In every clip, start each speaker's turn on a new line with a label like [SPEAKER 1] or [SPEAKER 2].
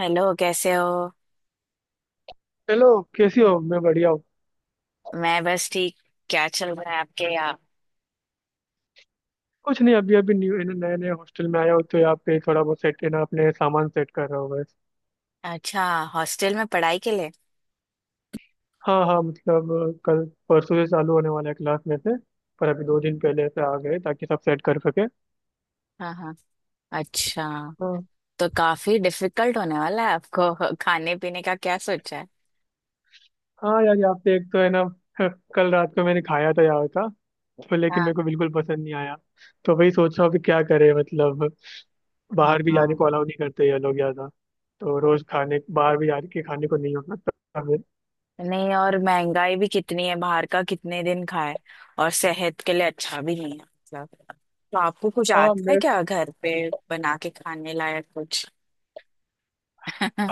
[SPEAKER 1] Hello, कैसे हो।
[SPEAKER 2] Hello. कैसी हो? मैं बढ़िया हूँ।
[SPEAKER 1] मैं बस ठीक। क्या चल रहा है आपके यहाँ।
[SPEAKER 2] कुछ नहीं, अभी अभी न्यू नए नए हॉस्टल में आया हूँ तो यहाँ पे थोड़ा बहुत सेट ना, अपने सामान सेट कर रहा हूँ बस।
[SPEAKER 1] अच्छा। हॉस्टल में पढ़ाई के लिए।
[SPEAKER 2] हाँ हाँ, मतलब कल परसों से चालू होने वाला है क्लास में से। पर अभी दो दिन पहले से आ गए ताकि सब सेट कर सके।
[SPEAKER 1] हाँ हाँ। अच्छा।
[SPEAKER 2] हाँ,
[SPEAKER 1] तो काफी डिफिकल्ट होने वाला है आपको। खाने पीने का क्या सोचा है।
[SPEAKER 2] हाँ यार, यहाँ पे एक तो है ना। कल रात को मैंने खाया था यहाँ का, तो लेकिन
[SPEAKER 1] हाँ
[SPEAKER 2] मेरे को बिल्कुल पसंद नहीं आया। तो वही सोच रहा हूँ कि क्या करे मतलब,
[SPEAKER 1] हाँ
[SPEAKER 2] बाहर भी जाने
[SPEAKER 1] हाँ।
[SPEAKER 2] को अलाउ नहीं करते ये लोग ज्यादा। तो रोज खाने बाहर भी जाके खाने को नहीं हो सकता।
[SPEAKER 1] नहीं, और महंगाई भी कितनी है, बाहर का कितने दिन खाए। और सेहत के लिए अच्छा भी नहीं है मतलब। तो आपको कुछ
[SPEAKER 2] हाँ
[SPEAKER 1] आता है
[SPEAKER 2] मैं
[SPEAKER 1] क्या घर पे, बना के खाने लायक कुछ।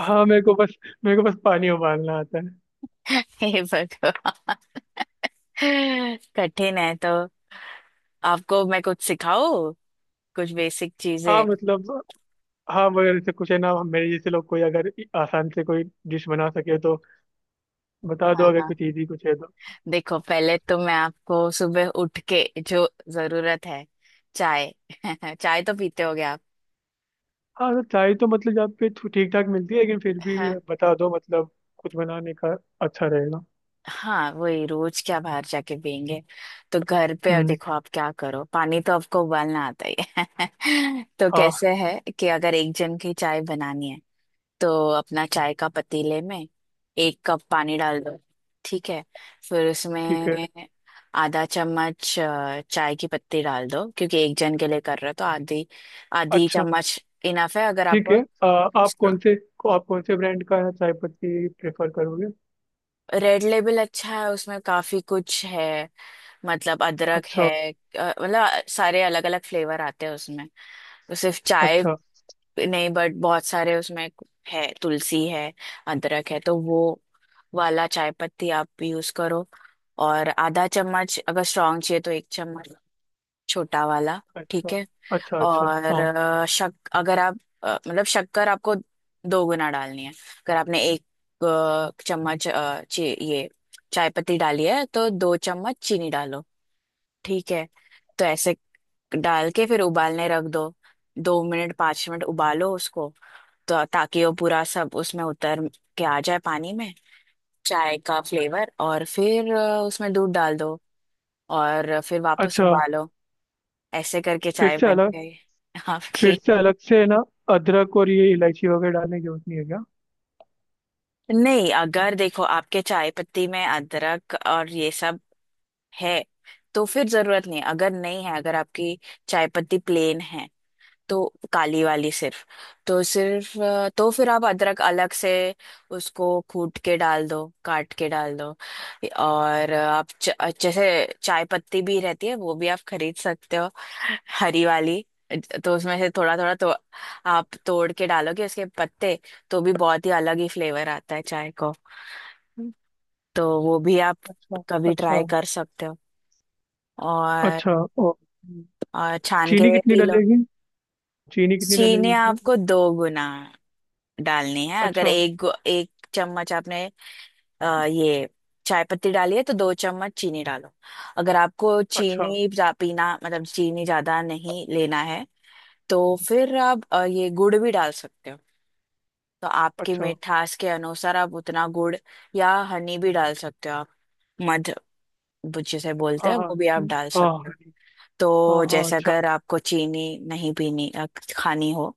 [SPEAKER 2] हाँ, मेरे को बस पानी उबालना आता है।
[SPEAKER 1] हे भगवान। कठिन है तो। आपको मैं कुछ सिखाओ, कुछ बेसिक
[SPEAKER 2] हाँ
[SPEAKER 1] चीजें।
[SPEAKER 2] मतलब, हाँ मगर जैसे कुछ है ना, मेरे जैसे लोग कोई अगर आसान से कोई डिश बना सके तो बता दो,
[SPEAKER 1] हाँ
[SPEAKER 2] अगर
[SPEAKER 1] हाँ।
[SPEAKER 2] कुछ इजी कुछ है तो।
[SPEAKER 1] देखो, पहले तो मैं आपको सुबह उठ के जो जरूरत है, चाय। चाय तो पीते होगे आप।
[SPEAKER 2] हाँ तो चाय तो मतलब यहाँ पे ठीक ठाक मिलती है, लेकिन फिर भी
[SPEAKER 1] हाँ
[SPEAKER 2] बता दो मतलब, खुद बनाने का अच्छा रहेगा।
[SPEAKER 1] हाँ, वही, रोज क्या बाहर जाके पियेंगे। तो घर पे अब
[SPEAKER 2] हम्म।
[SPEAKER 1] देखो आप क्या करो, पानी तो आपको उबालना आता ही है। तो
[SPEAKER 2] हाँ।
[SPEAKER 1] कैसे है कि अगर एक जन की चाय बनानी है तो अपना चाय का पतीले में 1 कप पानी डाल दो। ठीक है। फिर
[SPEAKER 2] ठीक है।
[SPEAKER 1] उसमें आधा चम्मच चाय की पत्ती डाल दो, क्योंकि एक जन के लिए कर रहे हो तो आधी। आधी
[SPEAKER 2] अच्छा।
[SPEAKER 1] चम्मच इनफ है अगर
[SPEAKER 2] ठीक है।
[SPEAKER 1] आपको।
[SPEAKER 2] आ, आप कौन से ब्रांड का चाय पत्ती प्रेफर करोगे?
[SPEAKER 1] रेड लेबल अच्छा है, उसमें काफी कुछ है। मतलब अदरक
[SPEAKER 2] अच्छा।
[SPEAKER 1] है, मतलब सारे अलग अलग फ्लेवर आते हैं उसमें। तो सिर्फ चाय
[SPEAKER 2] अच्छा।
[SPEAKER 1] नहीं, बट बहुत सारे उसमें है, तुलसी है, अदरक है। तो वो वाला चाय पत्ती आप भी यूज करो। और आधा चम्मच, अगर स्ट्रांग चाहिए तो 1 चम्मच, छोटा वाला। ठीक
[SPEAKER 2] अच्छा।
[SPEAKER 1] है।
[SPEAKER 2] अच्छा। अच्छा।
[SPEAKER 1] और
[SPEAKER 2] हाँ।
[SPEAKER 1] शक अगर आप, मतलब शक्कर आपको दो गुना डालनी है, अगर आपने एक चम्मच ये चाय पत्ती डाली है तो 2 चम्मच चीनी डालो। ठीक है। तो ऐसे डाल के फिर उबालने रख दो। 2-5 मिनट उबालो उसको, तो ताकि वो पूरा सब उसमें उतर के आ जाए पानी में, चाय का फ्लेवर। और फिर उसमें दूध डाल दो और फिर वापस
[SPEAKER 2] अच्छा।
[SPEAKER 1] उबालो। ऐसे करके
[SPEAKER 2] फिर
[SPEAKER 1] चाय
[SPEAKER 2] से
[SPEAKER 1] बन
[SPEAKER 2] अलग
[SPEAKER 1] गई
[SPEAKER 2] फिर
[SPEAKER 1] आपकी।
[SPEAKER 2] से अलग से है ना? अदरक और ये इलायची वगैरह डालने की जरूरत नहीं है क्या?
[SPEAKER 1] नहीं, अगर देखो आपके चाय पत्ती में अदरक और ये सब है तो फिर जरूरत नहीं। अगर नहीं है, अगर आपकी चाय पत्ती प्लेन है, तो काली वाली सिर्फ, तो सिर्फ तो फिर आप अदरक अलग से उसको कूट के डाल दो, काट के डाल दो। और जैसे चाय पत्ती भी रहती है वो भी आप खरीद सकते हो, हरी वाली। तो उसमें से थोड़ा थोड़ा तो आप तोड़ के डालोगे उसके पत्ते, तो भी बहुत ही अलग ही फ्लेवर आता है चाय को। तो वो भी आप
[SPEAKER 2] अच्छा।
[SPEAKER 1] कभी
[SPEAKER 2] अच्छा।
[SPEAKER 1] ट्राई कर सकते हो।
[SPEAKER 2] अच्छा।
[SPEAKER 1] और
[SPEAKER 2] और
[SPEAKER 1] और छान
[SPEAKER 2] चीनी
[SPEAKER 1] के
[SPEAKER 2] कितनी
[SPEAKER 1] पी लो।
[SPEAKER 2] डलेगी चीनी कितनी डलेगी
[SPEAKER 1] चीनी
[SPEAKER 2] उसमें?
[SPEAKER 1] आपको दो गुना डालनी है, अगर
[SPEAKER 2] अच्छा।
[SPEAKER 1] एक चम्मच आपने ये चाय पत्ती डाली है तो दो चम्मच चीनी डालो। अगर आपको
[SPEAKER 2] अच्छा।
[SPEAKER 1] चीनी पीना, मतलब चीनी ज्यादा नहीं लेना है, तो फिर आप ये गुड़ भी डाल सकते हो। तो आपकी
[SPEAKER 2] अच्छा।
[SPEAKER 1] मिठास के अनुसार आप उतना गुड़, या हनी भी डाल सकते हो आप। मध जिसे बोलते
[SPEAKER 2] हाँ
[SPEAKER 1] हैं,
[SPEAKER 2] हाँ
[SPEAKER 1] वो भी आप डाल
[SPEAKER 2] हाँ
[SPEAKER 1] सकते हो।
[SPEAKER 2] हाँ। हाँ
[SPEAKER 1] तो
[SPEAKER 2] हाँ,
[SPEAKER 1] जैसे
[SPEAKER 2] अच्छा।
[SPEAKER 1] अगर आपको चीनी नहीं पीनी, खानी हो,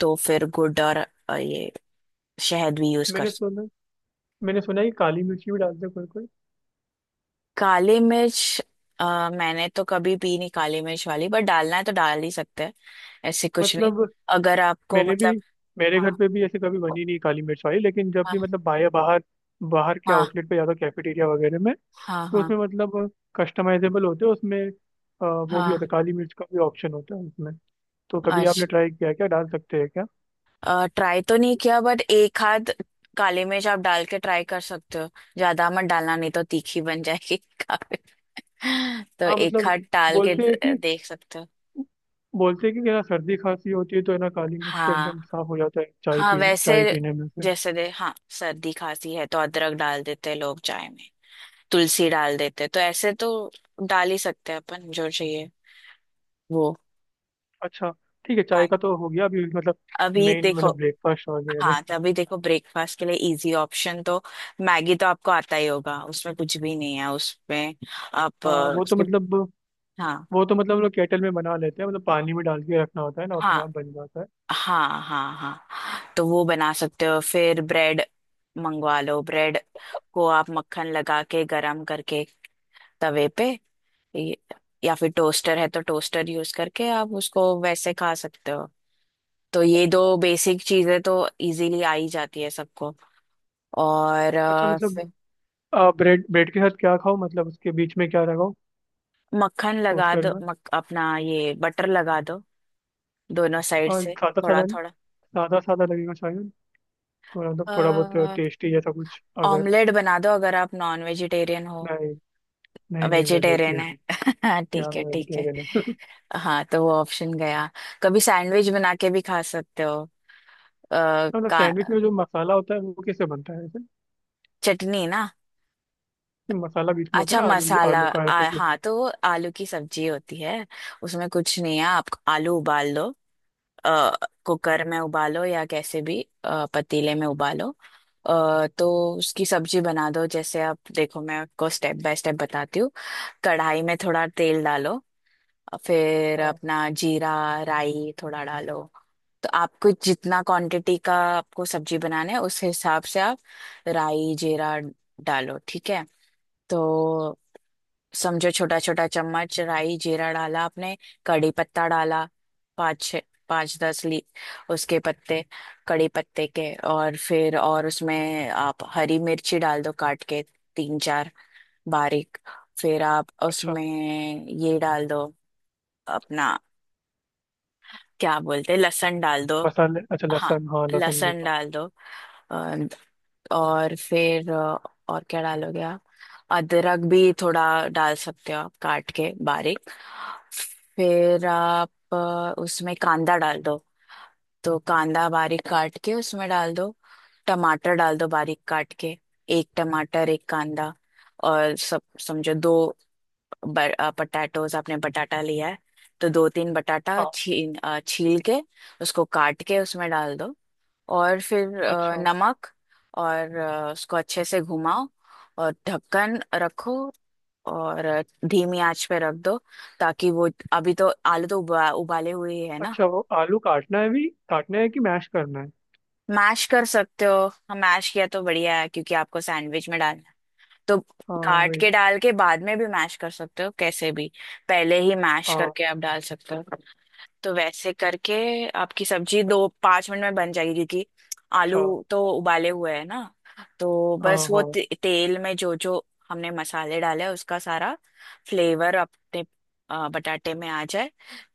[SPEAKER 1] तो फिर गुड़ और ये शहद भी यूज कर।
[SPEAKER 2] मैंने सुना मैंने सुना है कि काली मिर्ची भी डालते हैं कोई कोई।
[SPEAKER 1] काली मिर्च, मैंने तो कभी पी नहीं काली मिर्च वाली, बट डालना है तो डाल ही सकते हैं, ऐसे कुछ नहीं।
[SPEAKER 2] मतलब
[SPEAKER 1] अगर आपको
[SPEAKER 2] मैंने
[SPEAKER 1] मतलब,
[SPEAKER 2] भी मेरे
[SPEAKER 1] हाँ
[SPEAKER 2] घर पे भी ऐसे कभी बनी नहीं काली मिर्च वाली, लेकिन जब
[SPEAKER 1] हाँ
[SPEAKER 2] भी मतलब बाहर बाहर बाहर के
[SPEAKER 1] हाँ
[SPEAKER 2] आउटलेट पे जाता, कैफेटेरिया वगैरह में,
[SPEAKER 1] हाँ
[SPEAKER 2] तो
[SPEAKER 1] हाँ
[SPEAKER 2] उसमें मतलब कस्टमाइजेबल होते हैं उसमें, वो भी
[SPEAKER 1] हाँ,
[SPEAKER 2] होता है, काली मिर्च का भी ऑप्शन होता है उसमें। तो कभी
[SPEAKER 1] अच्छा,
[SPEAKER 2] आपने ट्राई किया है क्या? डाल सकते हैं क्या?
[SPEAKER 1] ट्राई तो नहीं किया बट एक आध काली मिर्च आप डाल के ट्राई कर सकते हो। ज्यादा मत डालना, नहीं तो तीखी बन जाएगी काफी। तो
[SPEAKER 2] हाँ
[SPEAKER 1] एक
[SPEAKER 2] मतलब
[SPEAKER 1] आध डाल के
[SPEAKER 2] बोलते हैं कि
[SPEAKER 1] देख सकते हो।
[SPEAKER 2] बोलते हैं कि ना, सर्दी खांसी होती है तो है ना काली मिर्च से
[SPEAKER 1] हाँ
[SPEAKER 2] एकदम साफ हो जाता है, चाय
[SPEAKER 1] हाँ,
[SPEAKER 2] पी
[SPEAKER 1] वैसे
[SPEAKER 2] चाय पीने में से।
[SPEAKER 1] जैसे दे हाँ, सर्दी खांसी है तो अदरक डाल देते हैं लोग चाय में, तुलसी डाल देते, तो ऐसे तो डाल ही सकते हैं अपन जो चाहिए वो।
[SPEAKER 2] अच्छा। ठीक है, चाय
[SPEAKER 1] हाँ,
[SPEAKER 2] का तो हो गया, अभी मतलब
[SPEAKER 1] अभी
[SPEAKER 2] मेन
[SPEAKER 1] देखो।
[SPEAKER 2] मतलब ब्रेकफास्ट वगैरह?
[SPEAKER 1] हाँ, तो अभी देखो ब्रेकफास्ट के लिए इजी ऑप्शन तो मैगी तो आपको आता ही होगा, उसमें कुछ भी नहीं है उसमें। आप
[SPEAKER 2] हाँ वो तो
[SPEAKER 1] उसके,
[SPEAKER 2] मतलब,
[SPEAKER 1] हाँ
[SPEAKER 2] हम लोग केटल में बना लेते हैं, मतलब पानी में डाल के रखना होता है ना, अपने
[SPEAKER 1] हाँ
[SPEAKER 2] आप बन जाता है।
[SPEAKER 1] हाँ हाँ हाँ, तो वो बना सकते हो। फिर ब्रेड मंगवा लो, ब्रेड को आप मक्खन लगा के गरम करके तवे पे, ये- या फिर टोस्टर है तो टोस्टर यूज करके आप उसको वैसे खा सकते हो। तो ये दो बेसिक चीजें तो इजीली आ ही जाती है सबको। और
[SPEAKER 2] अच्छा मतलब,
[SPEAKER 1] फिर
[SPEAKER 2] ब्रेड ब्रेड के साथ क्या खाओ मतलब, उसके बीच में क्या लगाओ?
[SPEAKER 1] मक्खन लगा
[SPEAKER 2] टोस्टर
[SPEAKER 1] दो,
[SPEAKER 2] में।
[SPEAKER 1] अपना ये बटर लगा दो दोनों साइड
[SPEAKER 2] और
[SPEAKER 1] से,
[SPEAKER 2] सादा
[SPEAKER 1] थोड़ा
[SPEAKER 2] सादा,
[SPEAKER 1] थोड़ा।
[SPEAKER 2] लगेगा शायद, तो मतलब थोड़ा बहुत टेस्टी जैसा कुछ अगर।
[SPEAKER 1] ऑमलेट बना दो अगर आप नॉन वेजिटेरियन हो।
[SPEAKER 2] नहीं। नहीं नहीं मैं वेज ही
[SPEAKER 1] वेजिटेरियन
[SPEAKER 2] हूँ।
[SPEAKER 1] है
[SPEAKER 2] यार
[SPEAKER 1] ठीक है
[SPEAKER 2] मैं
[SPEAKER 1] ठीक है।
[SPEAKER 2] वेजिटेरियन हूँ।
[SPEAKER 1] हाँ, तो वो ऑप्शन गया। कभी सैंडविच बना के भी खा सकते हो। आ,
[SPEAKER 2] तो मतलब
[SPEAKER 1] का
[SPEAKER 2] सैंडविच में जो मसाला होता है वो कैसे बनता है वैसे,
[SPEAKER 1] चटनी ना,
[SPEAKER 2] कि मसाला बीच में होता
[SPEAKER 1] अच्छा
[SPEAKER 2] है ना, आलू
[SPEAKER 1] मसाला,
[SPEAKER 2] आलू का या फिर किसी-।
[SPEAKER 1] हाँ, तो वो आलू की सब्जी होती है, उसमें कुछ नहीं है। आप आलू उबाल लो, कुकर में उबालो या कैसे भी, पतीले में उबालो। तो उसकी सब्जी बना दो। जैसे आप देखो, मैं आपको स्टेप बाय स्टेप बताती हूँ। कढ़ाई में थोड़ा तेल डालो, फिर
[SPEAKER 2] हाँ
[SPEAKER 1] अपना जीरा राई थोड़ा डालो। तो आपको जितना क्वांटिटी का आपको सब्जी बनाना है उस हिसाब से आप राई जीरा डालो, ठीक है। तो समझो छोटा छोटा चम्मच राई जीरा डाला आपने। कड़ी पत्ता डाला, 5-6, 5-10 ली उसके पत्ते कड़ी पत्ते के। और फिर और उसमें आप हरी मिर्ची डाल दो काट के, 3-4, बारीक। फिर आप
[SPEAKER 2] अच्छा
[SPEAKER 1] उसमें ये डाल दो अपना, क्या बोलते हैं, लहसुन डाल दो।
[SPEAKER 2] मसाले, अच्छा
[SPEAKER 1] हाँ,
[SPEAKER 2] लहसुन, हाँ लहसुन भी
[SPEAKER 1] लहसुन
[SPEAKER 2] हाँ।
[SPEAKER 1] डाल दो। अ, और फिर, और क्या डालोगे आप, अदरक भी थोड़ा डाल सकते हो आप, काट के बारीक। फिर आप उसमें कांदा डाल दो, तो कांदा बारीक काट के उसमें डाल दो। टमाटर डाल दो बारीक काट के, एक टमाटर एक कांदा। और सब, समझो दो पटाटोज आपने बटाटा लिया है, तो 2-3 बटाटा
[SPEAKER 2] हाँ।
[SPEAKER 1] छील, छील के उसको काट के उसमें डाल दो। और फिर
[SPEAKER 2] अच्छा।
[SPEAKER 1] नमक, और उसको अच्छे से घुमाओ, और ढक्कन रखो, और धीमी आंच पे रख दो, ताकि वो अभी, तो आलू तो उबाले हुए ही है ना।
[SPEAKER 2] अच्छा वो आलू काटना है भी काटना है कि मैश करना है?
[SPEAKER 1] मैश कर सकते हो, हम मैश किया तो बढ़िया है क्योंकि आपको सैंडविच में डालना है। तो
[SPEAKER 2] हाँ।
[SPEAKER 1] काट
[SPEAKER 2] वही।
[SPEAKER 1] के डाल के बाद में भी मैश कर सकते हो कैसे भी, पहले ही मैश
[SPEAKER 2] हाँ।
[SPEAKER 1] करके आप डाल सकते हो। तो वैसे करके आपकी सब्जी 2-5 मिनट में बन जाएगी, क्योंकि
[SPEAKER 2] अच्छा।
[SPEAKER 1] आलू तो उबाले हुए हैं ना। तो
[SPEAKER 2] हाँ
[SPEAKER 1] बस वो
[SPEAKER 2] हाँ।
[SPEAKER 1] तेल में जो जो हमने मसाले डाले हैं, उसका सारा फ्लेवर अपने बटाटे में आ जाए,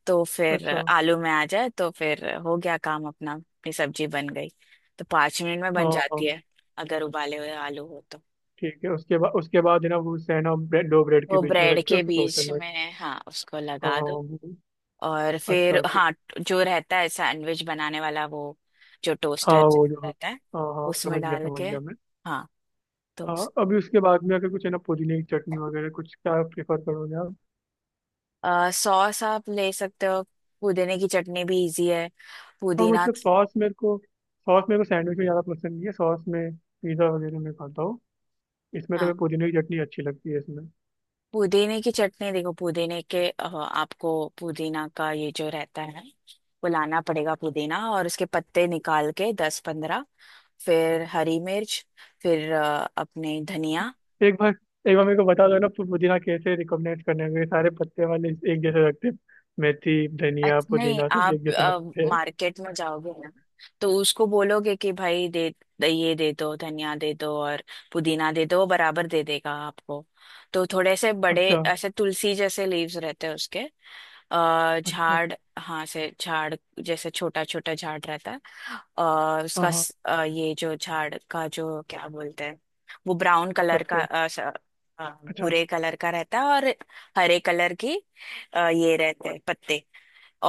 [SPEAKER 1] तो फिर
[SPEAKER 2] अच्छा।
[SPEAKER 1] आलू में आ जाए, तो फिर हो गया काम अपना, अपनी सब्जी बन गई। तो 5 मिनट में बन
[SPEAKER 2] हाँ हाँ।
[SPEAKER 1] जाती है अगर उबाले हुए आलू हो तो।
[SPEAKER 2] ठीक है, उसके बाद है ना वो सैन और ब्रेड, दो ब्रेड के
[SPEAKER 1] वो
[SPEAKER 2] बीच में रख
[SPEAKER 1] ब्रेड
[SPEAKER 2] के
[SPEAKER 1] के
[SPEAKER 2] उसको टोस्टर
[SPEAKER 1] बीच
[SPEAKER 2] में?
[SPEAKER 1] में, हाँ, उसको
[SPEAKER 2] हाँ
[SPEAKER 1] लगा
[SPEAKER 2] हाँ,
[SPEAKER 1] दो,
[SPEAKER 2] वो-।
[SPEAKER 1] और फिर
[SPEAKER 2] अच्छा। फिर
[SPEAKER 1] हाँ, जो रहता है सैंडविच बनाने वाला, वो जो
[SPEAKER 2] हाँ,
[SPEAKER 1] टोस्टर
[SPEAKER 2] वो जो।
[SPEAKER 1] रहता है
[SPEAKER 2] हाँ हाँ,
[SPEAKER 1] उसमें डाल
[SPEAKER 2] समझ
[SPEAKER 1] के।
[SPEAKER 2] गया मैं।
[SPEAKER 1] हाँ, तो
[SPEAKER 2] हाँ अभी उसके बाद में अगर कुछ है ना पुदीने की चटनी वगैरह कुछ क्या प्रेफर करोगे आप?
[SPEAKER 1] सॉस आप ले सकते हो, पुदीने की चटनी भी इजी है।
[SPEAKER 2] हाँ
[SPEAKER 1] पुदीना,
[SPEAKER 2] मतलब सॉस, मेरे को सॉस मेरे को सैंडविच में ज़्यादा पसंद नहीं है, सॉस में पिज़्ज़ा वगैरह में खाता हूँ। इसमें तो
[SPEAKER 1] हाँ,
[SPEAKER 2] मैं पुदीने की चटनी अच्छी लगती है इसमें।
[SPEAKER 1] पुदीने की चटनी देखो, पुदीने के आपको पुदीना का ये जो रहता है, फुलाना पड़ेगा पुदीना, और उसके पत्ते निकाल के 10-15, फिर हरी मिर्च, फिर अपने धनिया।
[SPEAKER 2] एक बार एक बार मेरे को बता दो ना, पुदीना कैसे रिकमेंड करने हैं? ये सारे पत्ते वाले एक जैसे लगते हैं, मेथी धनिया
[SPEAKER 1] अच्छा नहीं,
[SPEAKER 2] पुदीना सब एक जैसे
[SPEAKER 1] आप
[SPEAKER 2] लगते हैं।
[SPEAKER 1] मार्केट में जाओगे ना तो उसको बोलोगे कि भाई दे, ये दे दो, धनिया दे दो और पुदीना दे दो, वो बराबर दे देगा आपको। तो थोड़े से बड़े
[SPEAKER 2] अच्छा।
[SPEAKER 1] ऐसे तुलसी जैसे लीव्स रहते हैं उसके।
[SPEAKER 2] अच्छा।
[SPEAKER 1] झाड़, हाँ, से झाड़ जैसे छोटा छोटा झाड़ रहता है। और
[SPEAKER 2] हाँ
[SPEAKER 1] उसका
[SPEAKER 2] हाँ।
[SPEAKER 1] ये जो झाड़ का जो, क्या बोलते हैं, वो ब्राउन कलर का,
[SPEAKER 2] पत्ते।
[SPEAKER 1] अ,
[SPEAKER 2] अच्छा।
[SPEAKER 1] भूरे कलर का रहता है, और हरे कलर की ये रहते हैं पत्ते,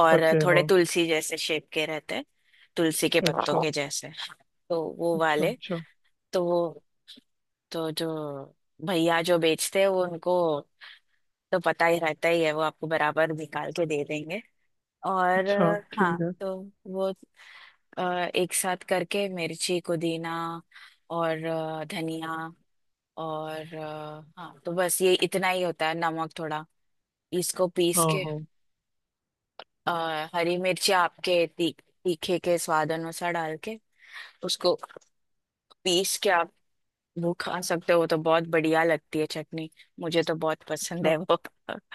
[SPEAKER 1] और
[SPEAKER 2] पत्ते
[SPEAKER 1] थोड़े
[SPEAKER 2] हाँ।
[SPEAKER 1] तुलसी जैसे शेप के रहते हैं, तुलसी के पत्तों
[SPEAKER 2] अच्छा।
[SPEAKER 1] के जैसे। तो वो
[SPEAKER 2] अच्छा।
[SPEAKER 1] वाले,
[SPEAKER 2] अच्छा।
[SPEAKER 1] तो वो, तो जो भैया जो बेचते हैं, वो उनको तो पता ही रहता ही है, वो आपको बराबर निकाल के दे देंगे। और
[SPEAKER 2] अच्छा ठीक
[SPEAKER 1] हाँ,
[SPEAKER 2] है।
[SPEAKER 1] तो वो अ, एक साथ करके मिर्ची पुदीना और धनिया और हाँ, तो बस ये इतना ही होता है, नमक थोड़ा, इसको पीस
[SPEAKER 2] हाँ
[SPEAKER 1] के।
[SPEAKER 2] हाँ।
[SPEAKER 1] अ, हरी मिर्ची आपके तीखे के स्वाद अनुसार डाल के, उसको पीस के आप वो खा सकते हो, तो बहुत बढ़िया लगती है चटनी। मुझे तो बहुत पसंद
[SPEAKER 2] अच्छा।
[SPEAKER 1] है वो।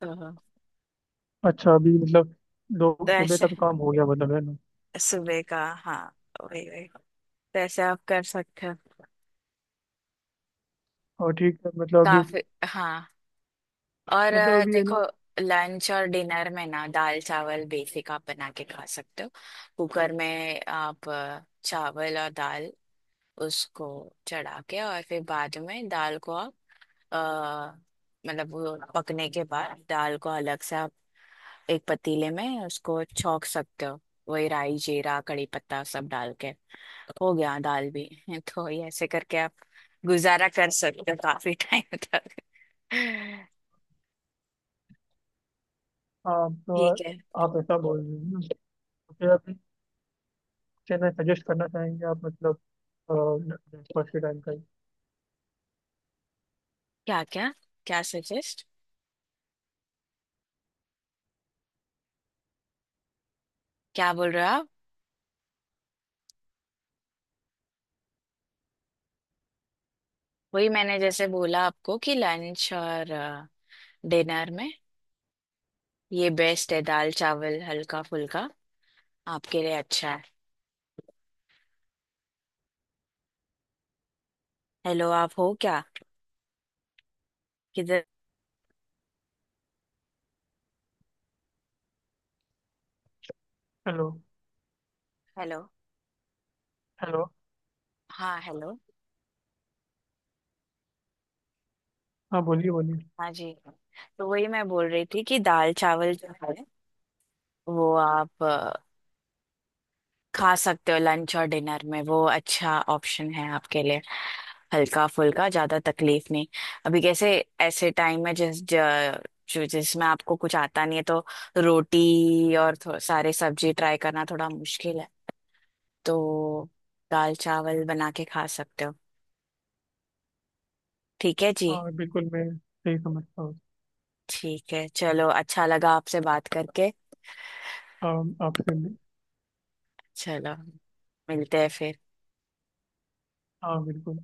[SPEAKER 1] तो
[SPEAKER 2] अच्छा अभी मतलब दो
[SPEAKER 1] तो
[SPEAKER 2] सुबह
[SPEAKER 1] ऐसे
[SPEAKER 2] का तो काम हो गया मतलब है ना?
[SPEAKER 1] सुबह का, हाँ, वही वही तो, ऐसे आप कर सकते हो,
[SPEAKER 2] और ठीक है मतलब अभी,
[SPEAKER 1] काफी। हाँ, और
[SPEAKER 2] मतलब अभी है ना,
[SPEAKER 1] देखो, लंच और डिनर में ना दाल चावल बेसिक आप बना के खा सकते हो। कुकर में आप चावल और दाल, उसको चढ़ा के, और फिर बाद में दाल को आप, आ, मतलब वो पकने के बाद दाल को अलग से आप एक पतीले में उसको छौंक सकते हो। वही राई जीरा कड़ी पत्ता सब डाल के हो गया दाल भी। तो ये ऐसे करके आप गुजारा कर सकते हो काफी टाइम तक।
[SPEAKER 2] आप तो,
[SPEAKER 1] ठीक है।
[SPEAKER 2] आप ऐसा बोल रहे हो ना, तो फिर अभी क्या ना सजेस्ट करना चाहेंगे आप मतलब, ब्रेकफास्ट के टाइम का ही?
[SPEAKER 1] क्या क्या, क्या सजेस्ट, क्या बोल रहे हो आप। वही मैंने जैसे बोला आपको कि लंच और डिनर में ये बेस्ट है दाल चावल, हल्का फुल्का आपके लिए अच्छा है। हेलो, आप हो क्या, किधर?
[SPEAKER 2] हेलो।
[SPEAKER 1] हेलो।
[SPEAKER 2] हेलो।
[SPEAKER 1] हाँ, हेलो।
[SPEAKER 2] हाँ बोलिए बोलिए।
[SPEAKER 1] हाँ जी। तो वही मैं बोल रही थी कि दाल चावल जो है वो आप खा सकते हो लंच और डिनर में, वो अच्छा ऑप्शन है आपके लिए, हल्का फुल्का, ज्यादा तकलीफ नहीं। अभी कैसे, ऐसे टाइम में जो जिसमें आपको कुछ आता नहीं है, तो रोटी और सारे सब्जी ट्राई करना थोड़ा मुश्किल है, तो दाल चावल बना के खा सकते हो। ठीक है जी।
[SPEAKER 2] हाँ बिल्कुल, मैं सही समझता हूँ।
[SPEAKER 1] ठीक है चलो, अच्छा लगा आपसे बात करके।
[SPEAKER 2] हाँ, आपसे मैं-।
[SPEAKER 1] चलो, मिलते हैं फिर।
[SPEAKER 2] हाँ बिल्कुल।